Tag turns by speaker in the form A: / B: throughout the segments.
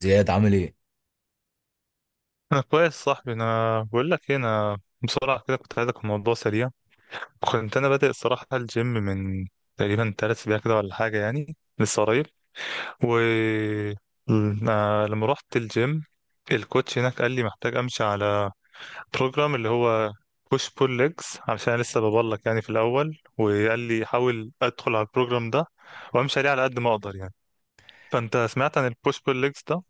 A: زياد، عامل ايه؟
B: انا كويس صاحبي، انا بقول لك ايه، انا بسرعه كده كنت عايزك في موضوع سريع. كنت انا بادئ الصراحه الجيم من تقريبا 3 اسابيع كده ولا حاجه، يعني لسه قريب. و ل- آه، لما رحت الجيم الكوتش هناك قال لي محتاج امشي على بروجرام اللي هو بوش بول ليجز، علشان أنا لسه ببلك يعني في الاول. وقال لي حاول ادخل على البروجرام ده وامشي عليه على قد ما اقدر يعني. فانت سمعت عن البوش بول ليجز ده؟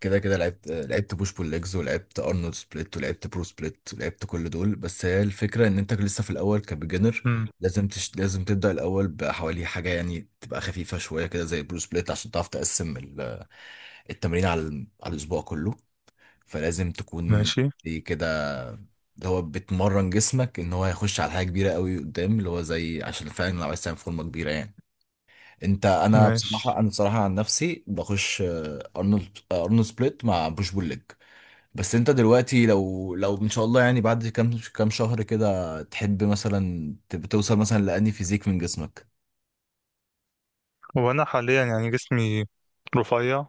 A: كده كده لعبت بوش بول ليجز، ولعبت ارنولد سبليت، ولعبت برو سبليت، ولعبت كل دول. بس هي الفكره ان انت لسه في الاول كبيجنر.
B: امم.
A: لازم تبدا الاول بحوالي حاجه يعني تبقى خفيفه شويه كده زي برو سبليت عشان تعرف تقسم التمرين على على الاسبوع كله. فلازم تكون
B: ماشي.
A: دي كده اللي هو بتمرن جسمك ان هو هيخش على حاجه كبيره قوي قدام اللي هو زي، عشان فعلا لو عايز تعمل فورمه كبيره يعني. انا
B: ماشي.
A: بصراحه، انا بصراحه عن نفسي بخش ارنولد، ارنولد سبليت مع بوش بول ليج. بس انت دلوقتي لو ان شاء الله يعني بعد كام شهر كده تحب مثلا توصل مثلا لاني فيزيك من جسمك.
B: هو انا حاليا يعني جسمي رفيع.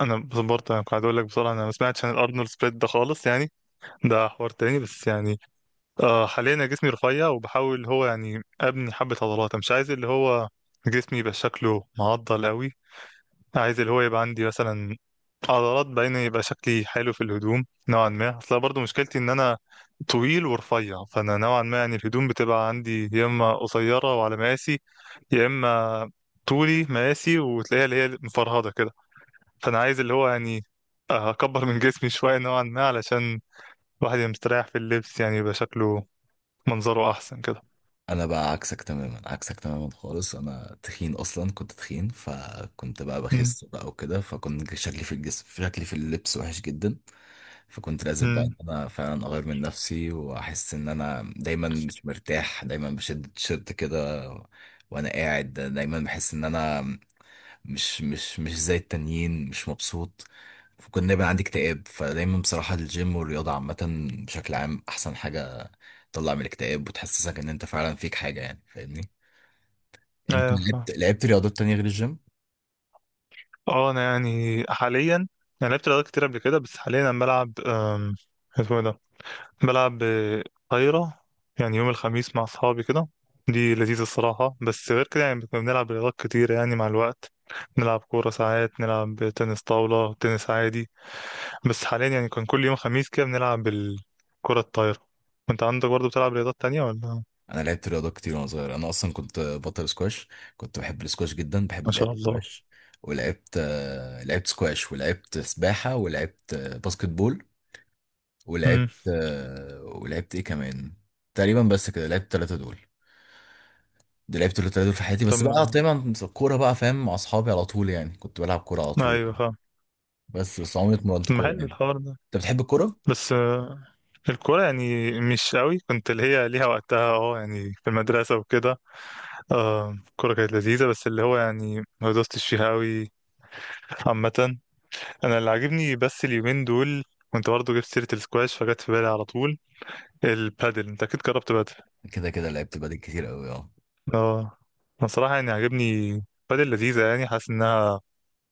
B: انا بس برضه يعني قاعد اقول لك بصراحه انا ما سمعتش عن الارنولد سبليت ده خالص يعني، ده حوار تاني بس يعني. آه حاليا انا جسمي رفيع، وبحاول هو يعني ابني حبه عضلات. أنا مش عايز اللي هو جسمي يبقى شكله معضل قوي. عايز اللي هو يبقى عندي مثلا عضلات، بين يبقى شكلي حلو في الهدوم نوعا ما. اصل برضه مشكلتي ان انا طويل ورفيع، فانا نوعا ما يعني الهدوم بتبقى عندي يا اما قصيره وعلى مقاسي، يا اما طولي مقاسي وتلاقيها اللي هي مفرهده كده. فانا عايز اللي هو يعني اكبر من جسمي شويه نوعا ما علشان الواحد يبقى مستريح في اللبس، يعني يبقى شكله منظره احسن كده.
A: انا بقى عكسك تماما، عكسك تماما خالص. انا تخين، اصلا كنت تخين، فكنت بقى
B: امم.
A: بخس بقى وكده، فكنت شكلي في الجسم، شكلي في اللبس وحش جدا. فكنت لازم بقى ان
B: امم.
A: انا فعلا اغير من نفسي، واحس ان انا دايما مش مرتاح، دايما بشد التيشيرت كده، وانا قاعد دايما بحس ان انا مش زي التانيين، مش مبسوط. فكنت دايما عندي اكتئاب. فدايما بصراحة الجيم والرياضة عامة بشكل عام أحسن حاجة تطلع من الاكتئاب وتحسسك إن أنت فعلا فيك حاجة، يعني فاهمني. أنت
B: ايوه.
A: لعبت رياضات تانية غير الجيم؟
B: اه انا يعني حاليا انا لعبت رياضات كتير قبل كده، بس حاليا انا بلعب اسمه إيه ده، بلعب طايرة، يعني يوم الخميس مع اصحابي كده. دي لذيذة الصراحة. بس غير كده يعني كنا بنلعب رياضات كتير يعني مع الوقت، نلعب كورة، ساعات نلعب تنس طاولة، تنس عادي. بس حاليا يعني كان كل يوم خميس كده بنلعب الكرة الطايرة. وانت عندك برضه بتلعب رياضات تانية ولا؟
A: أنا لعبت رياضات كتير وأنا صغير. أنا أصلا كنت بطل سكواش، كنت بحب السكواش جدا،
B: ما
A: بحب لعبة
B: شاء الله.
A: سكواش. ولعبت، لعبت سكواش، ولعبت سباحة، ولعبت باسكت بول، ولعبت،
B: امم.
A: ولعبت إيه كمان، تقريبا بس كده. لعبت التلاتة دول، ده لعبت التلاتة دول في حياتي. بس
B: تم.
A: بقى طبعا الكورة بقى، فاهم، مع أصحابي على طول يعني، كنت بلعب كورة على طول
B: ايوه
A: يعني.
B: فاهم.
A: بس عمري اتمرنت
B: طب ما
A: كورة
B: حلو
A: يعني.
B: الحوار.
A: أنت بتحب الكورة؟
B: بس الكورة يعني مش قوي كنت اللي هي ليها وقتها، اه يعني في المدرسة وكده. الكورة كانت لذيذة، بس اللي هو يعني ما دوستش فيها قوي عامة. أنا اللي عاجبني بس اليومين دول كنت برضه جبت سيرة السكواش، فجت في بالي على طول البادل. أنت أكيد جربت بادل.
A: كده كده لعبت بادل كتير قوي، اه.
B: اه. أنا صراحة يعني عاجبني بادل لذيذة، يعني حاسس إنها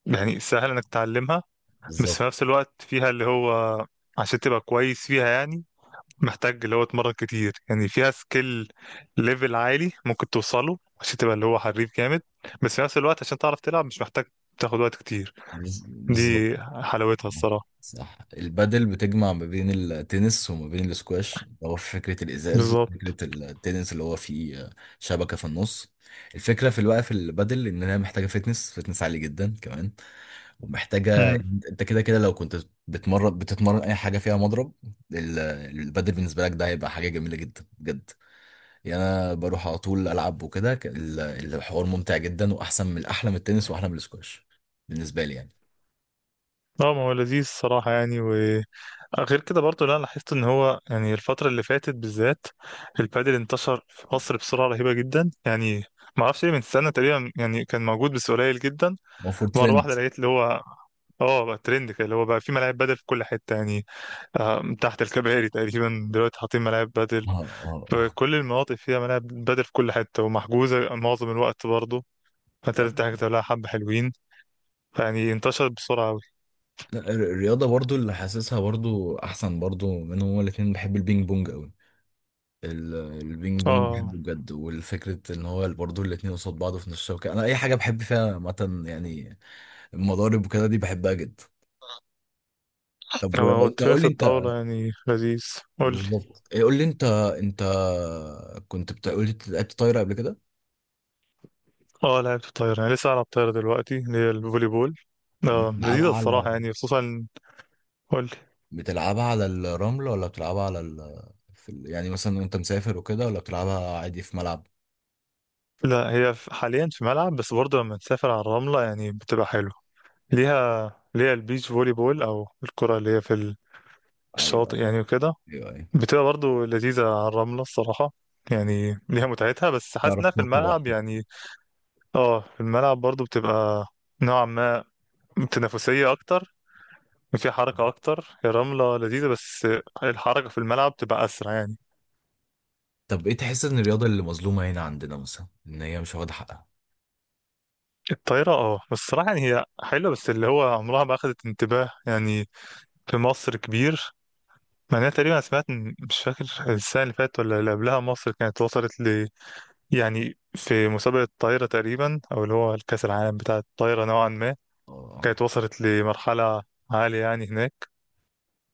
B: يعني سهل إنك تتعلمها. بس في
A: بالظبط.
B: نفس الوقت فيها اللي هو عشان تبقى كويس فيها يعني محتاج اللي هو اتمرن كتير، يعني فيها سكيل ليفل عالي ممكن توصله عشان تبقى اللي هو حريف جامد. بس في نفس الوقت عشان تعرف تلعب مش محتاج تاخد وقت كتير.
A: بالظبط.
B: دي حلاوتها
A: آه،
B: الصراحة.
A: صح، البادل بتجمع ما بين التنس وما بين الاسكواش. هو في فكرة الإزاز وفكرة
B: بالظبط.
A: التنس اللي هو فيه، شبكة في النص. الفكرة في الوقت في البادل إن هي محتاجة فتنس، فتنس عالي جدا كمان، ومحتاجه.
B: امم.
A: انت كده كده لو كنت بتمرن، بتتمرن اي حاجه فيها مضرب، ال- البادل بالنسبه لك ده هيبقى حاجه جميله جدا بجد. يعني انا بروح على طول العب وكده، الحوار ممتع جدا، واحسن من، احلى من التنس واحلى من السكواش بالنسبه لي يعني.
B: اه ما هو لذيذ الصراحة يعني. وغير كده برضه لا لاحظت ان هو يعني الفترة اللي فاتت بالذات البادل انتشر في مصر بسرعة رهيبة جدا يعني. ما اعرفش ليه، من سنة تقريبا يعني كان موجود بس قليل جدا.
A: هو فور
B: مرة
A: ترند.
B: واحدة لقيت اللي هو اه بقى ترند كده، اللي هو بقى في ملاعب بدل في كل حته يعني. من تحت الكباري تقريبا دلوقتي حاطين ملاعب بدل
A: اه، اه،
B: في
A: اه.
B: كل المناطق، فيها ملاعب بدل في كل حتة ومحجوزة معظم الوقت برضه، فانت
A: لا،
B: لازم تحجز لها حبة حلوين. يعني انتشرت بسرعة أوي.
A: لا، الرياضه برضو اللي حاسسها برضو احسن برضو منهم هما الاثنين، بحب البينج بونج قوي. ال- البينج بونج
B: اه.
A: بحبه بجد. والفكرة ان هو برضه الاتنين قصاد بعض في نفس الشبكة. انا اي حاجة بحب فيها مثلا يعني المضارب وكده دي بحبها جدا. طب
B: هو
A: انت، قول
B: تنس
A: لي انت،
B: الطاولة يعني لذيذ. قولي.
A: بالظبط، إيه، قول لي انت. انت كنت بتقول لي لعبت طايره قبل كده.
B: اه لعبت الطايرة، أنا لسه ألعب طايرة دلوقتي اللي هي الفولي بول. اه لذيذة
A: بتلعبها على،
B: الصراحة يعني خصوصا. قولي.
A: بتلعبها على الرمل ولا بتلعبها على في يعني مثلا وانت مسافر وكده، ولا بتلعبها عادي في ملعب؟
B: لا، حاليا في ملعب، بس برضه لما تسافر على الرملة يعني بتبقى حلوة. ليها البيتش فولي بول، أو الكرة اللي هي في
A: ايوه،
B: الشاطئ يعني وكده.
A: ايوه، ايوه،
B: بتبقى برضه لذيذة على الرملة الصراحة، يعني ليها متعتها. بس حاسس
A: تعرف
B: انها في
A: تنط
B: الملعب
A: براحتك.
B: يعني اه في الملعب برضه بتبقى نوعا ما تنافسية أكتر، وفيها حركة أكتر. هي الرملة لذيذة بس الحركة في الملعب بتبقى أسرع يعني.
A: طب ايه تحس ان الرياضه اللي مظلومه هنا عندنا مثلا ان هي مش واخده حقها؟
B: الطايرة، اه بس الصراحة يعني هي حلوة، بس اللي هو عمرها ما أخدت انتباه يعني في مصر كبير. مع انها تقريبا أنا سمعت مش فاكر السنة اللي فاتت ولا اللي قبلها، مصر كانت وصلت ل، يعني في مسابقة الطايرة تقريبا، أو اللي هو الكأس العالم بتاع الطايرة نوعا ما
A: اه،
B: كانت وصلت لمرحلة عالية يعني هناك.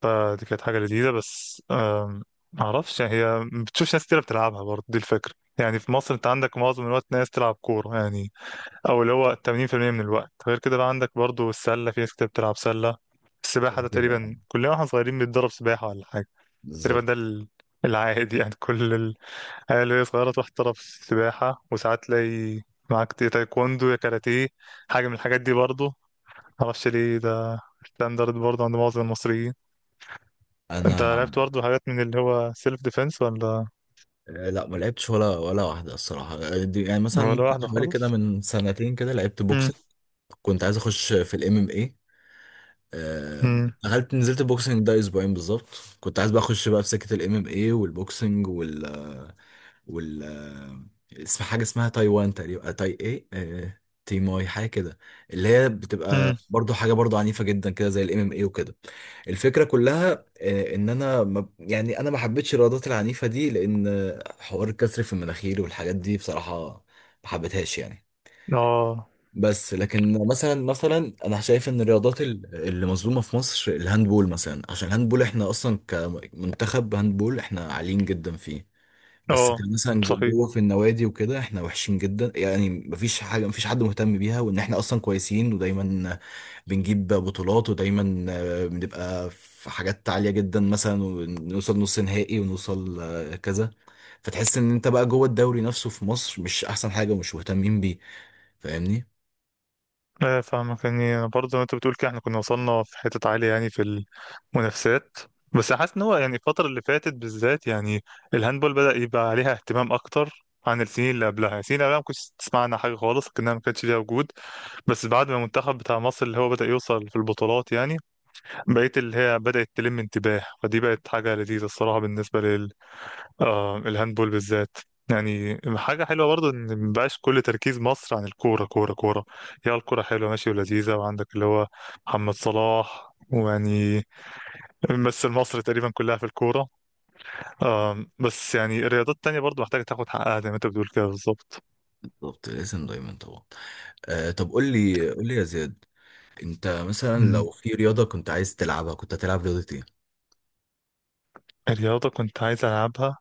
B: فدي كانت حاجة لذيذة بس معرفش يعني هي ما بتشوفش ناس كتير بتلعبها برضه، دي الفكرة. يعني في مصر انت عندك معظم الوقت ناس تلعب كورة يعني، او اللي هو 80% من الوقت. غير كده بقى عندك برضه السلة، في ناس كتير بتلعب سلة. السباحة ده
A: كده،
B: تقريبا كلنا واحنا صغيرين بنتدرب سباحة ولا حاجة. تقريبا
A: بالظبط.
B: ده العادي يعني كل العيال اللي هي صغيرة تروح تدرب سباحة، وساعات تلاقي معاك يا تايكوندو يا كاراتيه، حاجة من الحاجات دي برضه. معرفش ليه ده ستاندرد برضه عند معظم المصريين. انت
A: انا،
B: لعبت برضه حاجات من اللي هو سيلف ديفense ولا؟
A: لا ما لعبتش ولا، ولا واحدة الصراحة. دي يعني مثلا
B: ولا
A: ممكن
B: واحدة
A: حوالي كده
B: خالص.
A: من سنتين كده لعبت
B: مم.
A: بوكسنج. كنت عايز اخش في الام ام، آه،
B: مم.
A: دخلت، نزلت البوكسنج ده اسبوعين بالظبط. كنت عايز بقى اخش بقى في سكه الام ام اي والبوكسنج وال اسم حاجه اسمها تايوان تقريبا، تاي ايه، تيماي حاجه كده، اللي هي
B: مم.
A: بتبقى برضو حاجه برضو عنيفه جدا كده زي الام ام اي وكده. الفكره كلها ان انا ما يعني، انا ما حبيتش الرياضات العنيفه دي، لان حوار الكسر في المناخير والحاجات دي بصراحه ما حبيتهاش يعني.
B: اه
A: بس لكن مثلا، مثلا انا شايف ان الرياضات اللي مظلومه في مصر الهاندبول مثلا. عشان الهاندبول احنا اصلا كمنتخب هاندبول احنا عاليين جدا فيه. بس
B: اه
A: كان مثلا
B: صحيح.
A: جوه في النوادي وكده احنا وحشين جدا يعني. مفيش حاجه، مفيش حد مهتم بيها وان احنا اصلا كويسين ودايما بنجيب بطولات، ودايما بنبقى في حاجات عاليه جدا مثلا، ونوصل نص نهائي، ونوصل كذا. فتحس ان انت بقى جوه الدوري نفسه في مصر مش احسن حاجه ومش مهتمين بيه، فاهمني.
B: لا فاهمك، يعني برضه زي ما انت بتقول كده احنا كنا وصلنا في حتة عالية يعني في المنافسات. بس حاسس ان هو يعني الفترة اللي فاتت بالذات يعني الهاندبول بدأ يبقى عليها اهتمام اكتر عن السنين اللي قبلها. يعني السنين اللي قبلها ما كنتش تسمع عنها حاجة خالص كأنها ما كانتش ليها وجود. بس بعد ما المنتخب بتاع مصر اللي هو بدأ يوصل في البطولات يعني بقيت اللي هي بدأت تلم انتباه، فدي بقت حاجة لذيذة الصراحة بالنسبة لل آه الهاندبول بالذات. يعني حاجة حلوة برضه إن مبقاش كل تركيز مصر عن الكورة كورة كورة. هي الكورة حلوة ماشي ولذيذة، وعندك اللي هو محمد صلاح ويعني ممثل مصر تقريبا كلها في الكورة. بس يعني الرياضات التانية برضه محتاجة تاخد حقها زي ما أنت بتقول كده بالظبط.
A: بالظبط، الاسم دايما طبعا. آه، طب قول لي يا زياد، انت مثلا
B: مم.
A: لو في رياضة كنت عايز تلعبها كنت هتلعب رياضة ايه؟
B: الرياضة كنت عايز ألعبها.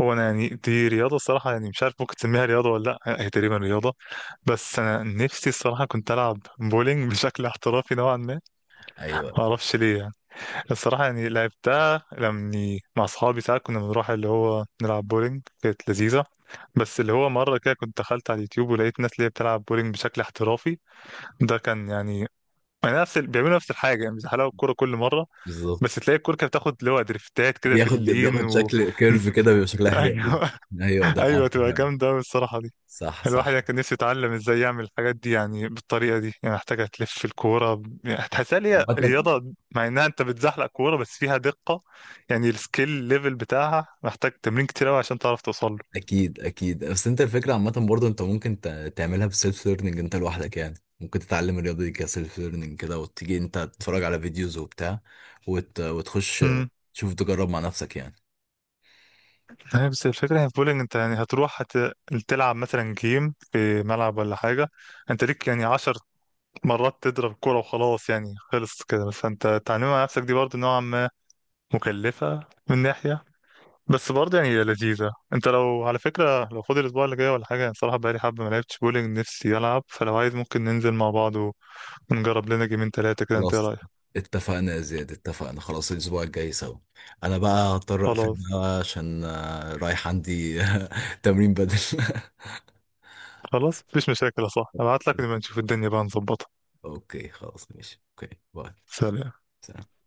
B: هو انا يعني دي رياضه الصراحه يعني مش عارف ممكن تسميها رياضه ولا لا، هي تقريبا رياضه. بس انا نفسي الصراحه كنت العب بولينج بشكل احترافي نوعا ما.
A: ايوه،
B: ما اعرفش ليه يعني، الصراحه يعني لعبتها لما مع اصحابي ساعات كنا بنروح اللي هو نلعب بولينج، كانت لذيذه. بس اللي هو مره كده كنت دخلت على اليوتيوب ولقيت ناس اللي هي بتلعب بولينج بشكل احترافي. ده كان يعني، يعني نفس بيعملوا نفس الحاجه يعني بيزحلقوا الكوره كل مره،
A: بالظبط.
B: بس تلاقي الكوره كانت بتاخد اللي هو دريفتات كده في اللين
A: بياخد شكل كيرف كده، بيبقى شكلها حلو قوي.
B: ايوه.
A: ايوه، ده
B: ايوه
A: عارفه
B: تبقى
A: فعلا.
B: جامده أوي الصراحه.
A: صح،
B: الواحد
A: صح.
B: كان نفسه يتعلم ازاي يعمل الحاجات دي يعني بالطريقه دي، يعني محتاجه تلف الكوره يعني هتحسها ليها
A: عامة.
B: رياضه مع انها انت بتزحلق كوره، بس فيها دقه يعني السكيل ليفل بتاعها محتاج تمرين كتير قوي عشان تعرف توصل له.
A: اكيد، اكيد. بس انت الفكرة عامة برضه انت ممكن تعملها بسيلف ليرنينج انت لوحدك يعني. ممكن تتعلم الرياضة دي كسيلف ليرنينج كده، وتيجي انت تتفرج على فيديوز وبتاع وتخش
B: امم.
A: تشوف، تجرب مع نفسك يعني.
B: هي بس الفكره هي في بولينج انت يعني تلعب مثلا جيم في ملعب ولا حاجه. انت ليك يعني 10 مرات تضرب الكوره وخلاص يعني خلص كده، بس انت تعلمها على نفسك دي برضه نوعا ما مكلفه من ناحيه. بس برضه يعني هي لذيذة. انت لو على فكرة لو فاضي الأسبوع اللي جاي ولا حاجة، يعني صراحة بقالي حبة ما لعبتش بولينج نفسي ألعب، فلو عايز ممكن ننزل مع بعض ونجرب لنا جيمين تلاتة كده. انت ايه
A: خلاص،
B: رأيك؟
A: اتفقنا يا زياد، اتفقنا خلاص، الاسبوع الجاي سوا. انا بقى هضطر اقفل
B: خلاص.
A: بقى عشان، رايح عندي تمرين بدل.
B: خلاص مفيش مشاكل يا صاحبي، ابعت لك نبقى نشوف الدنيا بقى نظبطها.
A: اوكي، خلاص، ماشي، اوكي، باي.
B: سلام.
A: سلام.